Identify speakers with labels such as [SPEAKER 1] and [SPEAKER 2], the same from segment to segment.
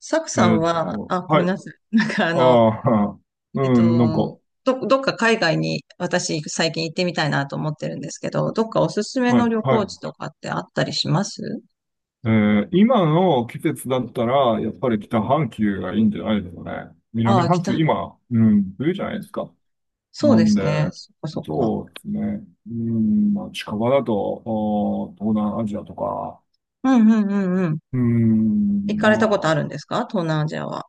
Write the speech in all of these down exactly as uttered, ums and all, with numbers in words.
[SPEAKER 1] サク
[SPEAKER 2] え
[SPEAKER 1] さん
[SPEAKER 2] ーっ
[SPEAKER 1] は、
[SPEAKER 2] と、
[SPEAKER 1] あ、ご
[SPEAKER 2] は
[SPEAKER 1] めん
[SPEAKER 2] い。
[SPEAKER 1] なさい。なんかあの、
[SPEAKER 2] ああ、
[SPEAKER 1] えっ
[SPEAKER 2] うん、なんか、
[SPEAKER 1] と、ど、どっか海外に私最近行ってみたいなと思ってるんですけど、どっかおすすめ
[SPEAKER 2] は
[SPEAKER 1] の
[SPEAKER 2] い、
[SPEAKER 1] 旅
[SPEAKER 2] は
[SPEAKER 1] 行
[SPEAKER 2] い。
[SPEAKER 1] 地とかってあったりします？
[SPEAKER 2] えー今の季節だったら、やっぱり北半球がいいんじゃないですかね。
[SPEAKER 1] あ
[SPEAKER 2] 南
[SPEAKER 1] あ、来
[SPEAKER 2] 半球、
[SPEAKER 1] た。
[SPEAKER 2] 今、うん、冬じゃないですか。
[SPEAKER 1] そう
[SPEAKER 2] な
[SPEAKER 1] で
[SPEAKER 2] ん
[SPEAKER 1] す
[SPEAKER 2] で、
[SPEAKER 1] ね。そっかそっか。
[SPEAKER 2] そうですね。うん、まあ、近場だと、お東南アジアとか、
[SPEAKER 1] うんうんうんうん。
[SPEAKER 2] う
[SPEAKER 1] 行
[SPEAKER 2] ん、
[SPEAKER 1] かれたことある
[SPEAKER 2] ま
[SPEAKER 1] んですか、東南アジアは。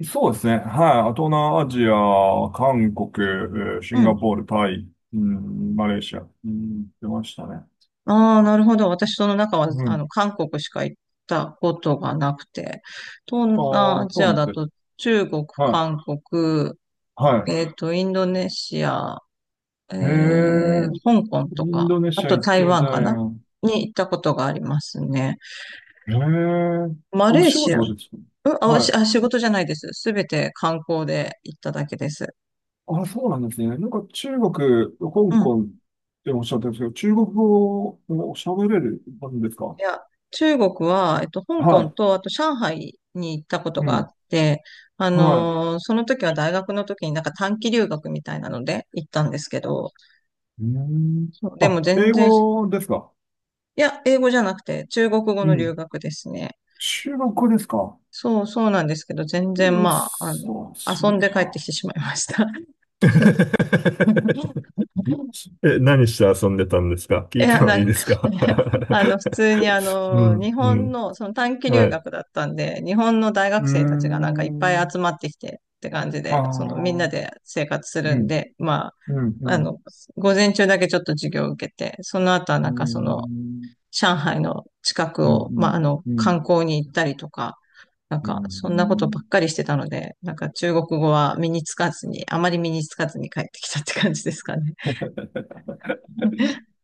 [SPEAKER 2] あ、そうですね。はい。東南アジア、韓国、えーシ
[SPEAKER 1] う
[SPEAKER 2] ンガ
[SPEAKER 1] ん。
[SPEAKER 2] ポール、タイ、うん、マレーシア、うん、出ましたね。
[SPEAKER 1] ああ、なるほど。私その中は、
[SPEAKER 2] う
[SPEAKER 1] あ
[SPEAKER 2] ん。
[SPEAKER 1] の、韓国しか行ったことがなくて。東
[SPEAKER 2] あ
[SPEAKER 1] 南ア
[SPEAKER 2] あ、
[SPEAKER 1] ジ
[SPEAKER 2] そう
[SPEAKER 1] ア
[SPEAKER 2] なん
[SPEAKER 1] だ
[SPEAKER 2] ですね。
[SPEAKER 1] と中国、
[SPEAKER 2] は
[SPEAKER 1] 韓
[SPEAKER 2] い。
[SPEAKER 1] 国、
[SPEAKER 2] は
[SPEAKER 1] えっと、インドネシア、
[SPEAKER 2] い。へ
[SPEAKER 1] えー
[SPEAKER 2] え。
[SPEAKER 1] 香港
[SPEAKER 2] イ
[SPEAKER 1] と
[SPEAKER 2] ン
[SPEAKER 1] か、
[SPEAKER 2] ドネ
[SPEAKER 1] あ
[SPEAKER 2] シア
[SPEAKER 1] と
[SPEAKER 2] 行っ
[SPEAKER 1] 台
[SPEAKER 2] てみた
[SPEAKER 1] 湾か
[SPEAKER 2] い
[SPEAKER 1] な
[SPEAKER 2] な。
[SPEAKER 1] に行ったことがありますね。
[SPEAKER 2] へえ。
[SPEAKER 1] マ
[SPEAKER 2] お
[SPEAKER 1] レー
[SPEAKER 2] 仕
[SPEAKER 1] シア、
[SPEAKER 2] 事がで
[SPEAKER 1] う
[SPEAKER 2] すか？
[SPEAKER 1] んあ、お
[SPEAKER 2] は
[SPEAKER 1] し
[SPEAKER 2] い。
[SPEAKER 1] あ、仕事じゃないです。すべて観光で行っただけです。
[SPEAKER 2] あ、そうなんですね。なんか中国、
[SPEAKER 1] う
[SPEAKER 2] 香
[SPEAKER 1] ん。
[SPEAKER 2] 港っておっしゃってるんですけど、中国語を喋れるんですか？
[SPEAKER 1] いや、中国は、えっと、香港
[SPEAKER 2] は
[SPEAKER 1] と、あと上海に行ったこ
[SPEAKER 2] い。
[SPEAKER 1] と
[SPEAKER 2] う
[SPEAKER 1] があっ
[SPEAKER 2] ん。
[SPEAKER 1] て、あ
[SPEAKER 2] は
[SPEAKER 1] のーその時は大学の時になんか短期留学みたいなので行ったんですけど、
[SPEAKER 2] い。うん。
[SPEAKER 1] そうでも
[SPEAKER 2] あ、
[SPEAKER 1] 全
[SPEAKER 2] 英
[SPEAKER 1] 然、
[SPEAKER 2] 語ですか？
[SPEAKER 1] いや、英語じゃなくて中国語
[SPEAKER 2] う
[SPEAKER 1] の留
[SPEAKER 2] ん。
[SPEAKER 1] 学ですね。
[SPEAKER 2] 中国語ですか？
[SPEAKER 1] そう、そうなんですけど、全然
[SPEAKER 2] うっ
[SPEAKER 1] まあ、あの、
[SPEAKER 2] そ、す
[SPEAKER 1] 遊ん
[SPEAKER 2] ごい
[SPEAKER 1] で帰ってき
[SPEAKER 2] な。
[SPEAKER 1] てしまいました。
[SPEAKER 2] で
[SPEAKER 1] いや、なん
[SPEAKER 2] です
[SPEAKER 1] か
[SPEAKER 2] か？
[SPEAKER 1] ね、あの、普通にあ
[SPEAKER 2] う
[SPEAKER 1] の、日
[SPEAKER 2] ん、う
[SPEAKER 1] 本
[SPEAKER 2] ん。
[SPEAKER 1] の、その短期留
[SPEAKER 2] はい。
[SPEAKER 1] 学だったんで、日本の大
[SPEAKER 2] うー
[SPEAKER 1] 学生たちがなんかいっぱい集
[SPEAKER 2] ん。
[SPEAKER 1] まってきてって感じ
[SPEAKER 2] ああ、
[SPEAKER 1] で、そのみんな
[SPEAKER 2] うん、
[SPEAKER 1] で生活する
[SPEAKER 2] う
[SPEAKER 1] ん
[SPEAKER 2] ん、
[SPEAKER 1] で、ま
[SPEAKER 2] う
[SPEAKER 1] あ、あ
[SPEAKER 2] ん、
[SPEAKER 1] の、午前中だけちょっと授業を受けて、その後は
[SPEAKER 2] う
[SPEAKER 1] な
[SPEAKER 2] ー
[SPEAKER 1] んかその、
[SPEAKER 2] ん、
[SPEAKER 1] 上海の近く
[SPEAKER 2] うん、
[SPEAKER 1] を、まあ、あの、
[SPEAKER 2] うん、うん。
[SPEAKER 1] 観光に行ったりとか、なん
[SPEAKER 2] う
[SPEAKER 1] か、そんなことばっか
[SPEAKER 2] ん、
[SPEAKER 1] りしてたので、なんか中国語は身につかずに、あまり身につかずに帰ってきたって感じですかね。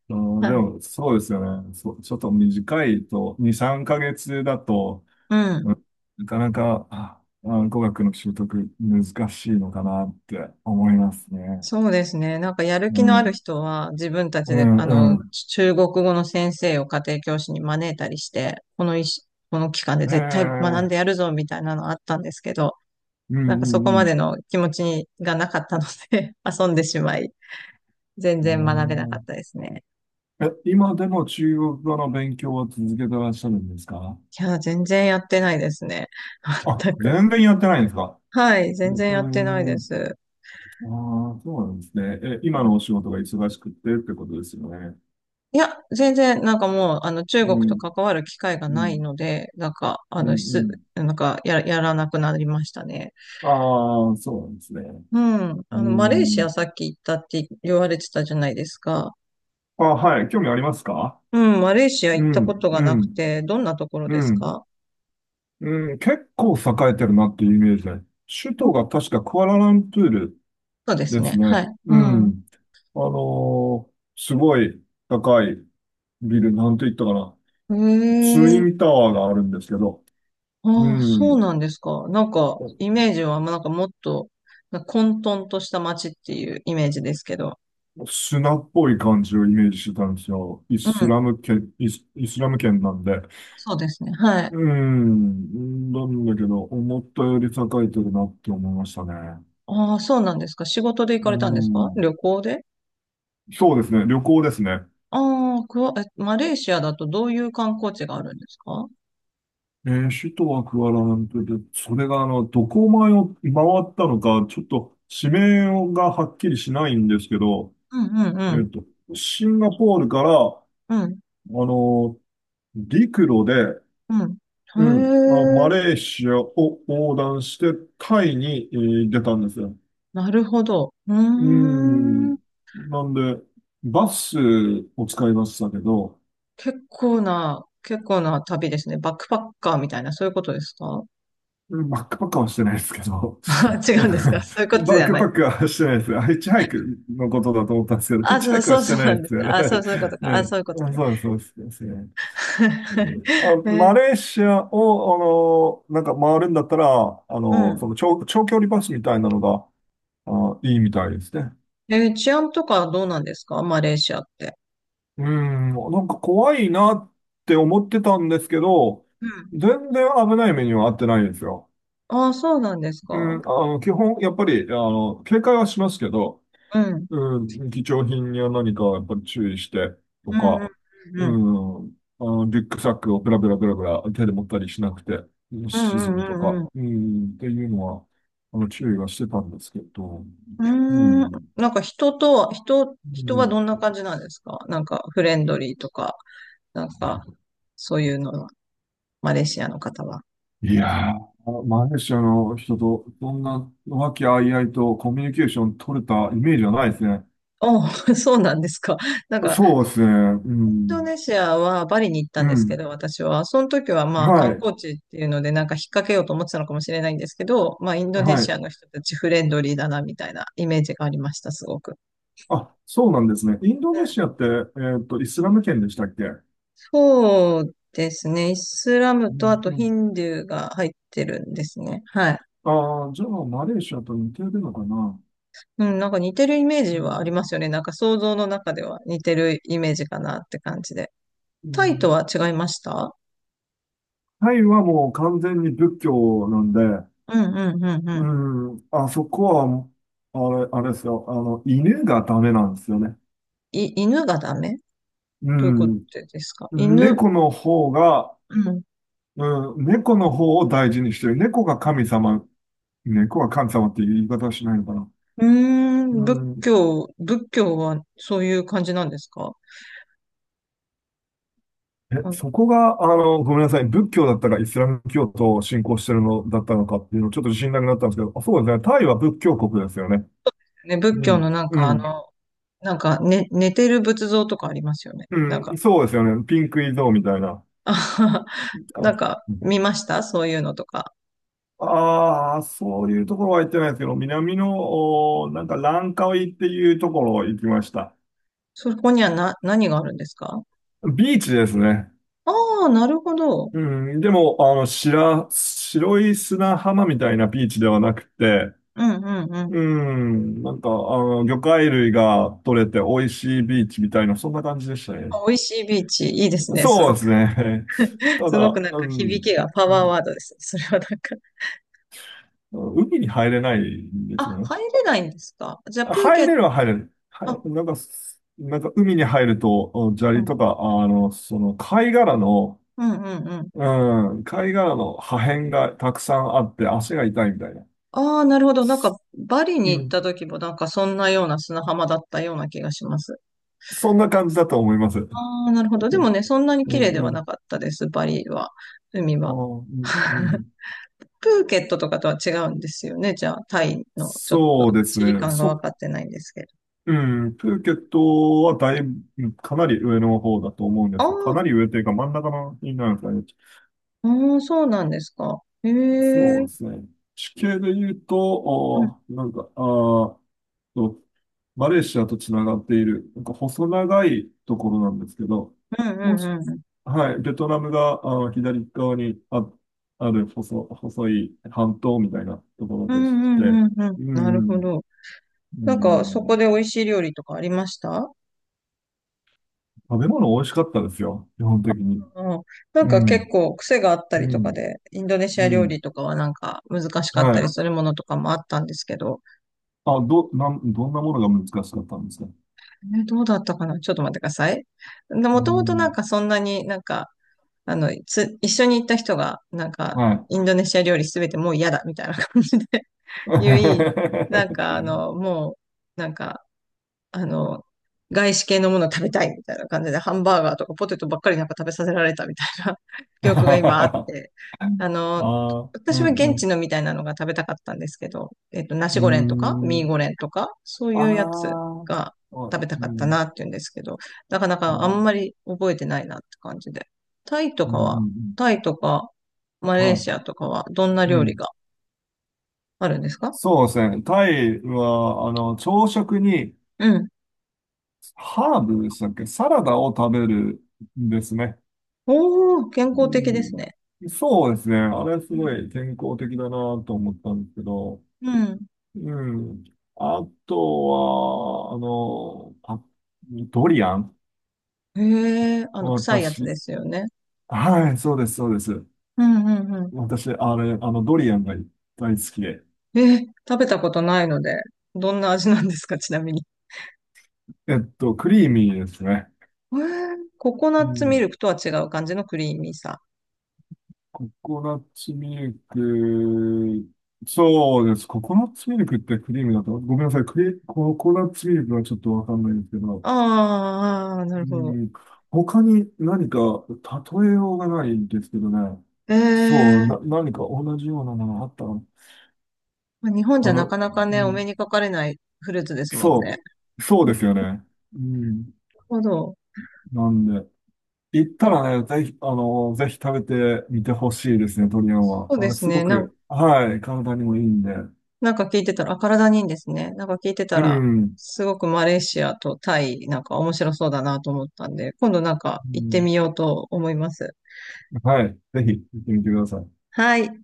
[SPEAKER 2] あー
[SPEAKER 1] は
[SPEAKER 2] で
[SPEAKER 1] い。
[SPEAKER 2] も、そうですよね。そう、ちょっと短いと、に、さんかげつだと、
[SPEAKER 1] うん。
[SPEAKER 2] うん、なかなか、あ、あ語学の習得難しいのかなって思いますね。
[SPEAKER 1] そうですね。なんかやる
[SPEAKER 2] う
[SPEAKER 1] 気のある
[SPEAKER 2] ん、
[SPEAKER 1] 人は自分たち
[SPEAKER 2] う
[SPEAKER 1] で、
[SPEAKER 2] ん、
[SPEAKER 1] あ
[SPEAKER 2] う
[SPEAKER 1] の、
[SPEAKER 2] ん。
[SPEAKER 1] 中国語の先生を家庭教師に招いたりして、この一この期間で
[SPEAKER 2] え
[SPEAKER 1] 絶対学ん
[SPEAKER 2] え、
[SPEAKER 1] でやるぞみたいなのあったんですけど、
[SPEAKER 2] う
[SPEAKER 1] なんかそこ
[SPEAKER 2] ん、う
[SPEAKER 1] まで
[SPEAKER 2] ん、
[SPEAKER 1] の気持ちがなかったので 遊んでしまい、全
[SPEAKER 2] う
[SPEAKER 1] 然学べなかっ
[SPEAKER 2] ん。
[SPEAKER 1] たですね。
[SPEAKER 2] えーえ、今でも中国語の勉強を続けてらっしゃるんですか？
[SPEAKER 1] いや、全然やってないですね。
[SPEAKER 2] あ、
[SPEAKER 1] 全く。
[SPEAKER 2] 全然やってないんですか。
[SPEAKER 1] はい、
[SPEAKER 2] う
[SPEAKER 1] 全然
[SPEAKER 2] ー
[SPEAKER 1] やってないで
[SPEAKER 2] ん。
[SPEAKER 1] す。
[SPEAKER 2] ああ、そうなんですね。え、今のお仕事が忙しくてってことですよね。
[SPEAKER 1] いや、全然、なんかもう、あの、中国
[SPEAKER 2] う
[SPEAKER 1] と
[SPEAKER 2] ん、
[SPEAKER 1] 関わる機会が
[SPEAKER 2] う
[SPEAKER 1] ない
[SPEAKER 2] ん、
[SPEAKER 1] ので、なんか、あ
[SPEAKER 2] うん、
[SPEAKER 1] の、
[SPEAKER 2] う
[SPEAKER 1] す、
[SPEAKER 2] ん。
[SPEAKER 1] なんか、や、やらなくなりましたね。
[SPEAKER 2] ああ、そうなんですね。
[SPEAKER 1] うん。
[SPEAKER 2] うー
[SPEAKER 1] あの、マレーシア
[SPEAKER 2] ん。
[SPEAKER 1] さっき行ったって言われてたじゃないですか。
[SPEAKER 2] あ、はい。興味ありますか？
[SPEAKER 1] うん、マレーシア
[SPEAKER 2] う
[SPEAKER 1] 行ったこ
[SPEAKER 2] ん、
[SPEAKER 1] とが
[SPEAKER 2] う
[SPEAKER 1] なく
[SPEAKER 2] ん、
[SPEAKER 1] て、どんなところ
[SPEAKER 2] う
[SPEAKER 1] です
[SPEAKER 2] ん、
[SPEAKER 1] か？
[SPEAKER 2] うん。結構栄えてるなっていうイメージで。首都が確かクアラルンプール
[SPEAKER 1] そうです
[SPEAKER 2] です
[SPEAKER 1] ね。
[SPEAKER 2] ね。
[SPEAKER 1] はい。
[SPEAKER 2] う
[SPEAKER 1] うん。
[SPEAKER 2] ん。あのーすごい高いビル、なんて言ったかな。
[SPEAKER 1] へ
[SPEAKER 2] ツイ
[SPEAKER 1] え。
[SPEAKER 2] ンタワーがあるんですけど、う
[SPEAKER 1] ああ、そう
[SPEAKER 2] ん。
[SPEAKER 1] なんですか。なんか、イメージは、まあなんかもっと、なんか混沌とした街っていうイメージですけど。
[SPEAKER 2] 砂っぽい感じをイメージしてたんですよ。イ
[SPEAKER 1] う
[SPEAKER 2] ス
[SPEAKER 1] ん。
[SPEAKER 2] ラム圏、イス、イスラム圏なんで。
[SPEAKER 1] そうですね。はい。
[SPEAKER 2] うん。なんだけど、思ったより栄えてるなって思いましたね。
[SPEAKER 1] ああ、そうなんですか。仕事で行
[SPEAKER 2] う
[SPEAKER 1] かれたんですか、
[SPEAKER 2] ん。
[SPEAKER 1] 旅行で？
[SPEAKER 2] そうですね。旅行ですね。
[SPEAKER 1] ああ、クワ、え、マレーシアだとどういう観光地があるんですか？
[SPEAKER 2] えー、首都はクアラルンプールで、それがあの、どこを回を回ったのか、ちょっと地名がはっきりしないんですけど、
[SPEAKER 1] うんうんう
[SPEAKER 2] え
[SPEAKER 1] ん。
[SPEAKER 2] っと、シンガポールから、あ
[SPEAKER 1] うん。
[SPEAKER 2] の、陸路で、
[SPEAKER 1] うん。
[SPEAKER 2] う
[SPEAKER 1] へ
[SPEAKER 2] ん。あ、
[SPEAKER 1] え、
[SPEAKER 2] マレーシアを横断して、タイに、えー出たんですよ。
[SPEAKER 1] なるほど。う
[SPEAKER 2] う
[SPEAKER 1] ーん。
[SPEAKER 2] ん。なんで、バスを使いましたけど、
[SPEAKER 1] 結構な、結構な旅ですね。バックパッカーみたいな、そういうことですか？
[SPEAKER 2] バックパックはしてないですけど、
[SPEAKER 1] 違
[SPEAKER 2] バ
[SPEAKER 1] うんですか？そういうことじ
[SPEAKER 2] ッ
[SPEAKER 1] ゃ
[SPEAKER 2] ク
[SPEAKER 1] な
[SPEAKER 2] パ
[SPEAKER 1] い。
[SPEAKER 2] ックはしてないです。あ、ヒッチハイクのことだと思ったんですけど、ヒッ
[SPEAKER 1] あ、
[SPEAKER 2] チハ
[SPEAKER 1] そう、
[SPEAKER 2] イクは
[SPEAKER 1] そう
[SPEAKER 2] し
[SPEAKER 1] そ
[SPEAKER 2] て
[SPEAKER 1] う
[SPEAKER 2] な
[SPEAKER 1] な
[SPEAKER 2] い
[SPEAKER 1] ん
[SPEAKER 2] で
[SPEAKER 1] で
[SPEAKER 2] す
[SPEAKER 1] す
[SPEAKER 2] よ
[SPEAKER 1] ね。
[SPEAKER 2] ね。
[SPEAKER 1] あ、
[SPEAKER 2] はい。は
[SPEAKER 1] そう、そういうことか。あ、
[SPEAKER 2] い、
[SPEAKER 1] そういうことね。
[SPEAKER 2] そうです、そうです。ですね。うん、あ、マ
[SPEAKER 1] え、
[SPEAKER 2] レーシアを、あの、なんか回るんだったら、あ
[SPEAKER 1] う
[SPEAKER 2] の、そ
[SPEAKER 1] ん。
[SPEAKER 2] の長、長距離バスみたいなのが、あ、いいみたいですね。
[SPEAKER 1] え、治安とかどうなんですか、マレーシアって。
[SPEAKER 2] うん、なんか怖いなって思ってたんですけど、
[SPEAKER 1] うん。
[SPEAKER 2] 全然危ない目には遭ってないんですよ。
[SPEAKER 1] あ、そうなんですか。
[SPEAKER 2] うん、あの、基本、やっぱり、あの、警戒はしますけど、
[SPEAKER 1] うん。
[SPEAKER 2] うん、貴重品には何かやっぱり注意してと
[SPEAKER 1] うん、う
[SPEAKER 2] か、
[SPEAKER 1] ん、
[SPEAKER 2] う
[SPEAKER 1] うん、
[SPEAKER 2] ん、あの、リュックサックをブラブラブラブラ手で持ったりしなくて、うん、
[SPEAKER 1] うん、
[SPEAKER 2] 沈
[SPEAKER 1] うん、
[SPEAKER 2] むと
[SPEAKER 1] うん、う
[SPEAKER 2] か、
[SPEAKER 1] ん。うん
[SPEAKER 2] うん、っていうのは、あの、注意はしてたんですけど、
[SPEAKER 1] うー
[SPEAKER 2] う
[SPEAKER 1] ん、
[SPEAKER 2] ん、
[SPEAKER 1] なんか人とは、人、
[SPEAKER 2] う
[SPEAKER 1] 人は
[SPEAKER 2] ん、
[SPEAKER 1] どんな感じなんですか？なんかフレンドリーとか、なんかそういうのは、マレーシアの方は。
[SPEAKER 2] いやー、マレーシアの人とそんな和気あいあいとコミュニケーション取れたイメージはないですね。
[SPEAKER 1] あ、そうなんですか。なんか
[SPEAKER 2] そうですね。う
[SPEAKER 1] インド
[SPEAKER 2] ん。
[SPEAKER 1] ネシアはバリに行った
[SPEAKER 2] う
[SPEAKER 1] んですけ
[SPEAKER 2] ん。
[SPEAKER 1] ど、私は。その時はまあ
[SPEAKER 2] は
[SPEAKER 1] 観
[SPEAKER 2] い。
[SPEAKER 1] 光地っていうのでなんか引っ掛けようと思ってたのかもしれないんですけど、まあインドネ
[SPEAKER 2] は
[SPEAKER 1] シア
[SPEAKER 2] い。
[SPEAKER 1] の人たちフレンドリーだなみたいなイメージがありました、すごく。
[SPEAKER 2] あ、そうなんですね。インド
[SPEAKER 1] うん、
[SPEAKER 2] ネシアって、えっと、イスラム圏でしたっけ？う
[SPEAKER 1] そうですね。イスラムとあ
[SPEAKER 2] ん。う
[SPEAKER 1] とヒ
[SPEAKER 2] ん。
[SPEAKER 1] ンドゥーが入ってるんですね。はい。
[SPEAKER 2] ああ、じゃあ、マレーシアと似てるのかな。
[SPEAKER 1] うん、なんか似てるイメージ
[SPEAKER 2] う
[SPEAKER 1] はあり
[SPEAKER 2] ん。
[SPEAKER 1] ますよね。なんか想像の中では似てるイメージかなって感じで。
[SPEAKER 2] う
[SPEAKER 1] タイと
[SPEAKER 2] ん、
[SPEAKER 1] は違いました？
[SPEAKER 2] タイはもう完全に仏教なんで、
[SPEAKER 1] うんうんうんう
[SPEAKER 2] う
[SPEAKER 1] ん。
[SPEAKER 2] ん。あそこは、あれ、あれですよ。あの、犬がダメなんですよね。
[SPEAKER 1] い、犬がダメ？
[SPEAKER 2] う
[SPEAKER 1] どういうこと
[SPEAKER 2] ん。
[SPEAKER 1] ですか、犬、
[SPEAKER 2] 猫の方が、
[SPEAKER 1] うん
[SPEAKER 2] うん、猫の方を大事にしてる。猫が神様、猫が神様っていう言い方はしないのかな。
[SPEAKER 1] うー
[SPEAKER 2] う
[SPEAKER 1] ん、仏
[SPEAKER 2] ん、
[SPEAKER 1] 教、仏教はそういう感じなんですか？う
[SPEAKER 2] え、
[SPEAKER 1] ん
[SPEAKER 2] そこが、あの、ごめんなさい。仏教だったかイスラム教徒を信仰してるのだったのかっていうのちょっと自信なくなったんですけど、あ、そうですね。タイは仏教国ですよね。
[SPEAKER 1] ね、仏
[SPEAKER 2] う
[SPEAKER 1] 教
[SPEAKER 2] ん、
[SPEAKER 1] のなんか
[SPEAKER 2] う
[SPEAKER 1] あの、
[SPEAKER 2] ん、
[SPEAKER 1] なんか、ね、寝てる仏像とかありますよね。なん
[SPEAKER 2] う
[SPEAKER 1] か、
[SPEAKER 2] ん、そうですよね。ピンクイゾーみたいな。
[SPEAKER 1] あははなん
[SPEAKER 2] あ
[SPEAKER 1] か見ましたそういうのとか。
[SPEAKER 2] ああ、そういうところは行ってないですけど、南の、おなんかランカウイっていうところ行きました。
[SPEAKER 1] そこにはな、何があるんですか？
[SPEAKER 2] ビーチですね。
[SPEAKER 1] ああー、なるほど。
[SPEAKER 2] うん、でも、あの、白、白い砂浜みたいなビーチではなくて、
[SPEAKER 1] うんうんうん。
[SPEAKER 2] うん、なんか、あの、魚介類が取れて美味しいビーチみたいな、そんな感じでしたね。
[SPEAKER 1] あ美味しいビーチ、いいですね。す
[SPEAKER 2] そう
[SPEAKER 1] ごく、
[SPEAKER 2] ですね。た
[SPEAKER 1] すごく
[SPEAKER 2] だ、
[SPEAKER 1] なん
[SPEAKER 2] う
[SPEAKER 1] か響
[SPEAKER 2] ん、
[SPEAKER 1] きがパワーワードですね。それはなんか。
[SPEAKER 2] 海に入れないんですよ
[SPEAKER 1] あ、
[SPEAKER 2] ね。
[SPEAKER 1] 入れないんですか？じゃあ、プーケ
[SPEAKER 2] 入
[SPEAKER 1] ット、
[SPEAKER 2] れるは入れる。は
[SPEAKER 1] あ、
[SPEAKER 2] い、なんか、なんか海に入ると、うん、砂
[SPEAKER 1] う
[SPEAKER 2] 利
[SPEAKER 1] ん、
[SPEAKER 2] とか、あの、その貝殻の、
[SPEAKER 1] うんうんうん。
[SPEAKER 2] うん、貝殻の破片がたくさんあって足が痛いみたいな。
[SPEAKER 1] ああ、なるほど。なんか、バリに
[SPEAKER 2] う
[SPEAKER 1] 行った
[SPEAKER 2] ん、
[SPEAKER 1] 時もなんかそんなような砂浜だったような気がします。
[SPEAKER 2] そんな感じだと思います。う
[SPEAKER 1] ああ、なるほど。でも
[SPEAKER 2] ん、
[SPEAKER 1] ね、そんなに綺麗で
[SPEAKER 2] う
[SPEAKER 1] はな
[SPEAKER 2] ん。
[SPEAKER 1] かったです、バリは。海
[SPEAKER 2] ああ、
[SPEAKER 1] は。
[SPEAKER 2] うん、う ん。
[SPEAKER 1] プーケットとかとは違うんですよね。じゃあ、タイのちょっと
[SPEAKER 2] そうです
[SPEAKER 1] 地理
[SPEAKER 2] ね。
[SPEAKER 1] 感が
[SPEAKER 2] そ、
[SPEAKER 1] 分かってないんですけど。
[SPEAKER 2] うん。プーケットはだいぶ、かなり上の方だと思うんで
[SPEAKER 1] ああ、
[SPEAKER 2] すよ。かなり上というか真ん中のになるんですかね。
[SPEAKER 1] うん、そうなんですか。へえ。う
[SPEAKER 2] そ
[SPEAKER 1] ん
[SPEAKER 2] うですね。地形で言うと、おーなんか、ああ、と、マレーシアとつながっている、なんか細長いところなんですけど、
[SPEAKER 1] うんう
[SPEAKER 2] もし、
[SPEAKER 1] んうん。
[SPEAKER 2] はい、ベトナムがあの左側にあ、ある細、細い半島みたいなところ
[SPEAKER 1] う
[SPEAKER 2] で
[SPEAKER 1] ん
[SPEAKER 2] し
[SPEAKER 1] うん
[SPEAKER 2] て、
[SPEAKER 1] うんうん。
[SPEAKER 2] う
[SPEAKER 1] なるほ
[SPEAKER 2] ん、
[SPEAKER 1] ど。
[SPEAKER 2] う
[SPEAKER 1] なんか、そこ
[SPEAKER 2] ん、
[SPEAKER 1] で美味しい料理とかありました？
[SPEAKER 2] 食べ物美味しかったですよ、基本的に。
[SPEAKER 1] うん、なん
[SPEAKER 2] う
[SPEAKER 1] か結
[SPEAKER 2] ん、
[SPEAKER 1] 構癖があったり
[SPEAKER 2] う
[SPEAKER 1] とか
[SPEAKER 2] ん、
[SPEAKER 1] で、インドネシア
[SPEAKER 2] う
[SPEAKER 1] 料
[SPEAKER 2] ん、
[SPEAKER 1] 理とかはなんか難しかっ
[SPEAKER 2] は
[SPEAKER 1] たり
[SPEAKER 2] い。
[SPEAKER 1] するものとかもあったんですけど、
[SPEAKER 2] あ、ど、なん、どんなものが難しかったんですか？
[SPEAKER 1] え、どうだったかな、ちょっと待ってください。で
[SPEAKER 2] う
[SPEAKER 1] もともとなん
[SPEAKER 2] ん、
[SPEAKER 1] かそんなになんか、あの、つ、一緒に行った人がなんか
[SPEAKER 2] はい。
[SPEAKER 1] インドネシア料理すべてもう嫌だみたいな感じで 言い、なん かあの、もうなんかあの、外資系のものを食べたいみたいな感じで、ハンバーガーとかポテトばっかりなんか食べさせられたみたいな 記憶が今あっ
[SPEAKER 2] あ
[SPEAKER 1] て、あの、
[SPEAKER 2] あ、う
[SPEAKER 1] 私は
[SPEAKER 2] ん、う
[SPEAKER 1] 現地
[SPEAKER 2] ん。
[SPEAKER 1] のみたいなのが食べたかったんですけど、えっと、ナ
[SPEAKER 2] う
[SPEAKER 1] シ
[SPEAKER 2] ー
[SPEAKER 1] ゴレンとか、ミー
[SPEAKER 2] ん。
[SPEAKER 1] ゴレンとか、そう
[SPEAKER 2] あ
[SPEAKER 1] いうやつ
[SPEAKER 2] あ、
[SPEAKER 1] が
[SPEAKER 2] はい、
[SPEAKER 1] 食べた
[SPEAKER 2] う
[SPEAKER 1] かったな
[SPEAKER 2] ん、
[SPEAKER 1] っていうんですけど、なかな
[SPEAKER 2] あ
[SPEAKER 1] かあん
[SPEAKER 2] ー、
[SPEAKER 1] まり覚えてないなって感じで。タイと
[SPEAKER 2] うん、
[SPEAKER 1] か
[SPEAKER 2] う
[SPEAKER 1] は、
[SPEAKER 2] ん、
[SPEAKER 1] タイとか、マ
[SPEAKER 2] うん、
[SPEAKER 1] レー
[SPEAKER 2] はい、
[SPEAKER 1] シアとかは、どんな
[SPEAKER 2] う
[SPEAKER 1] 料理
[SPEAKER 2] ん。
[SPEAKER 1] があるんですか？
[SPEAKER 2] そうですね。タイは、あの、朝食に
[SPEAKER 1] うん。
[SPEAKER 2] ハーブでしたっけ、サラダを食べるんですね。
[SPEAKER 1] おー、健
[SPEAKER 2] う
[SPEAKER 1] 康的ですね。
[SPEAKER 2] ん、そうですね。あれす
[SPEAKER 1] う
[SPEAKER 2] ご
[SPEAKER 1] ん。
[SPEAKER 2] い健康的だなと思ったんですけど、
[SPEAKER 1] うん
[SPEAKER 2] うん。あとは、あの、あ、ドリアン、
[SPEAKER 1] へえ、あの、臭いやつ
[SPEAKER 2] 私、
[SPEAKER 1] ですよね。
[SPEAKER 2] はい、そうです、そうです。
[SPEAKER 1] うんうんうん。
[SPEAKER 2] 私、あれ、あの、ドリアンが大好きで。
[SPEAKER 1] えー、食べたことないので、どんな味なんですか、ちなみに。
[SPEAKER 2] えっと、クリーミーですね。
[SPEAKER 1] えー、ココナ
[SPEAKER 2] う
[SPEAKER 1] ッツミ
[SPEAKER 2] ん、
[SPEAKER 1] ルクとは違う感じのクリーミーさ。
[SPEAKER 2] ココナッツミルク、そうです。ココナッツミルクってクリームだと、ごめんなさい。クリ、ココナッツミルクはちょっとわかんないんですけど、
[SPEAKER 1] あーあ、なる
[SPEAKER 2] う
[SPEAKER 1] ほど。
[SPEAKER 2] ん、他に何か例えようがないんですけどね。
[SPEAKER 1] え
[SPEAKER 2] そ
[SPEAKER 1] え、
[SPEAKER 2] う、な、何か同じようなものあったの？
[SPEAKER 1] まあ日本じ
[SPEAKER 2] あ
[SPEAKER 1] ゃな
[SPEAKER 2] の、
[SPEAKER 1] か
[SPEAKER 2] う
[SPEAKER 1] なかね、お目
[SPEAKER 2] ん、
[SPEAKER 1] にかかれないフルーツですもん
[SPEAKER 2] そ
[SPEAKER 1] ね。
[SPEAKER 2] う、そう
[SPEAKER 1] な
[SPEAKER 2] です
[SPEAKER 1] る
[SPEAKER 2] よね。うん、
[SPEAKER 1] ほど。
[SPEAKER 2] なんで。行った
[SPEAKER 1] あ、
[SPEAKER 2] らね、ぜひ、あの、ぜひ食べてみてほしいですね、鶏あんは。
[SPEAKER 1] そう
[SPEAKER 2] あ
[SPEAKER 1] で
[SPEAKER 2] の、
[SPEAKER 1] す
[SPEAKER 2] すご
[SPEAKER 1] ね。なん、
[SPEAKER 2] く、はい、体にもいいんで。
[SPEAKER 1] なんか聞いてたら、あ、体にいいんですね。なんか聞いてた
[SPEAKER 2] う
[SPEAKER 1] ら、
[SPEAKER 2] ん。
[SPEAKER 1] すごくマレーシアとタイ、なんか面白そうだなと思ったんで、今度なんか
[SPEAKER 2] う
[SPEAKER 1] 行って
[SPEAKER 2] ん、
[SPEAKER 1] みようと思います。
[SPEAKER 2] はい、ぜひ行ってみてください。
[SPEAKER 1] はい。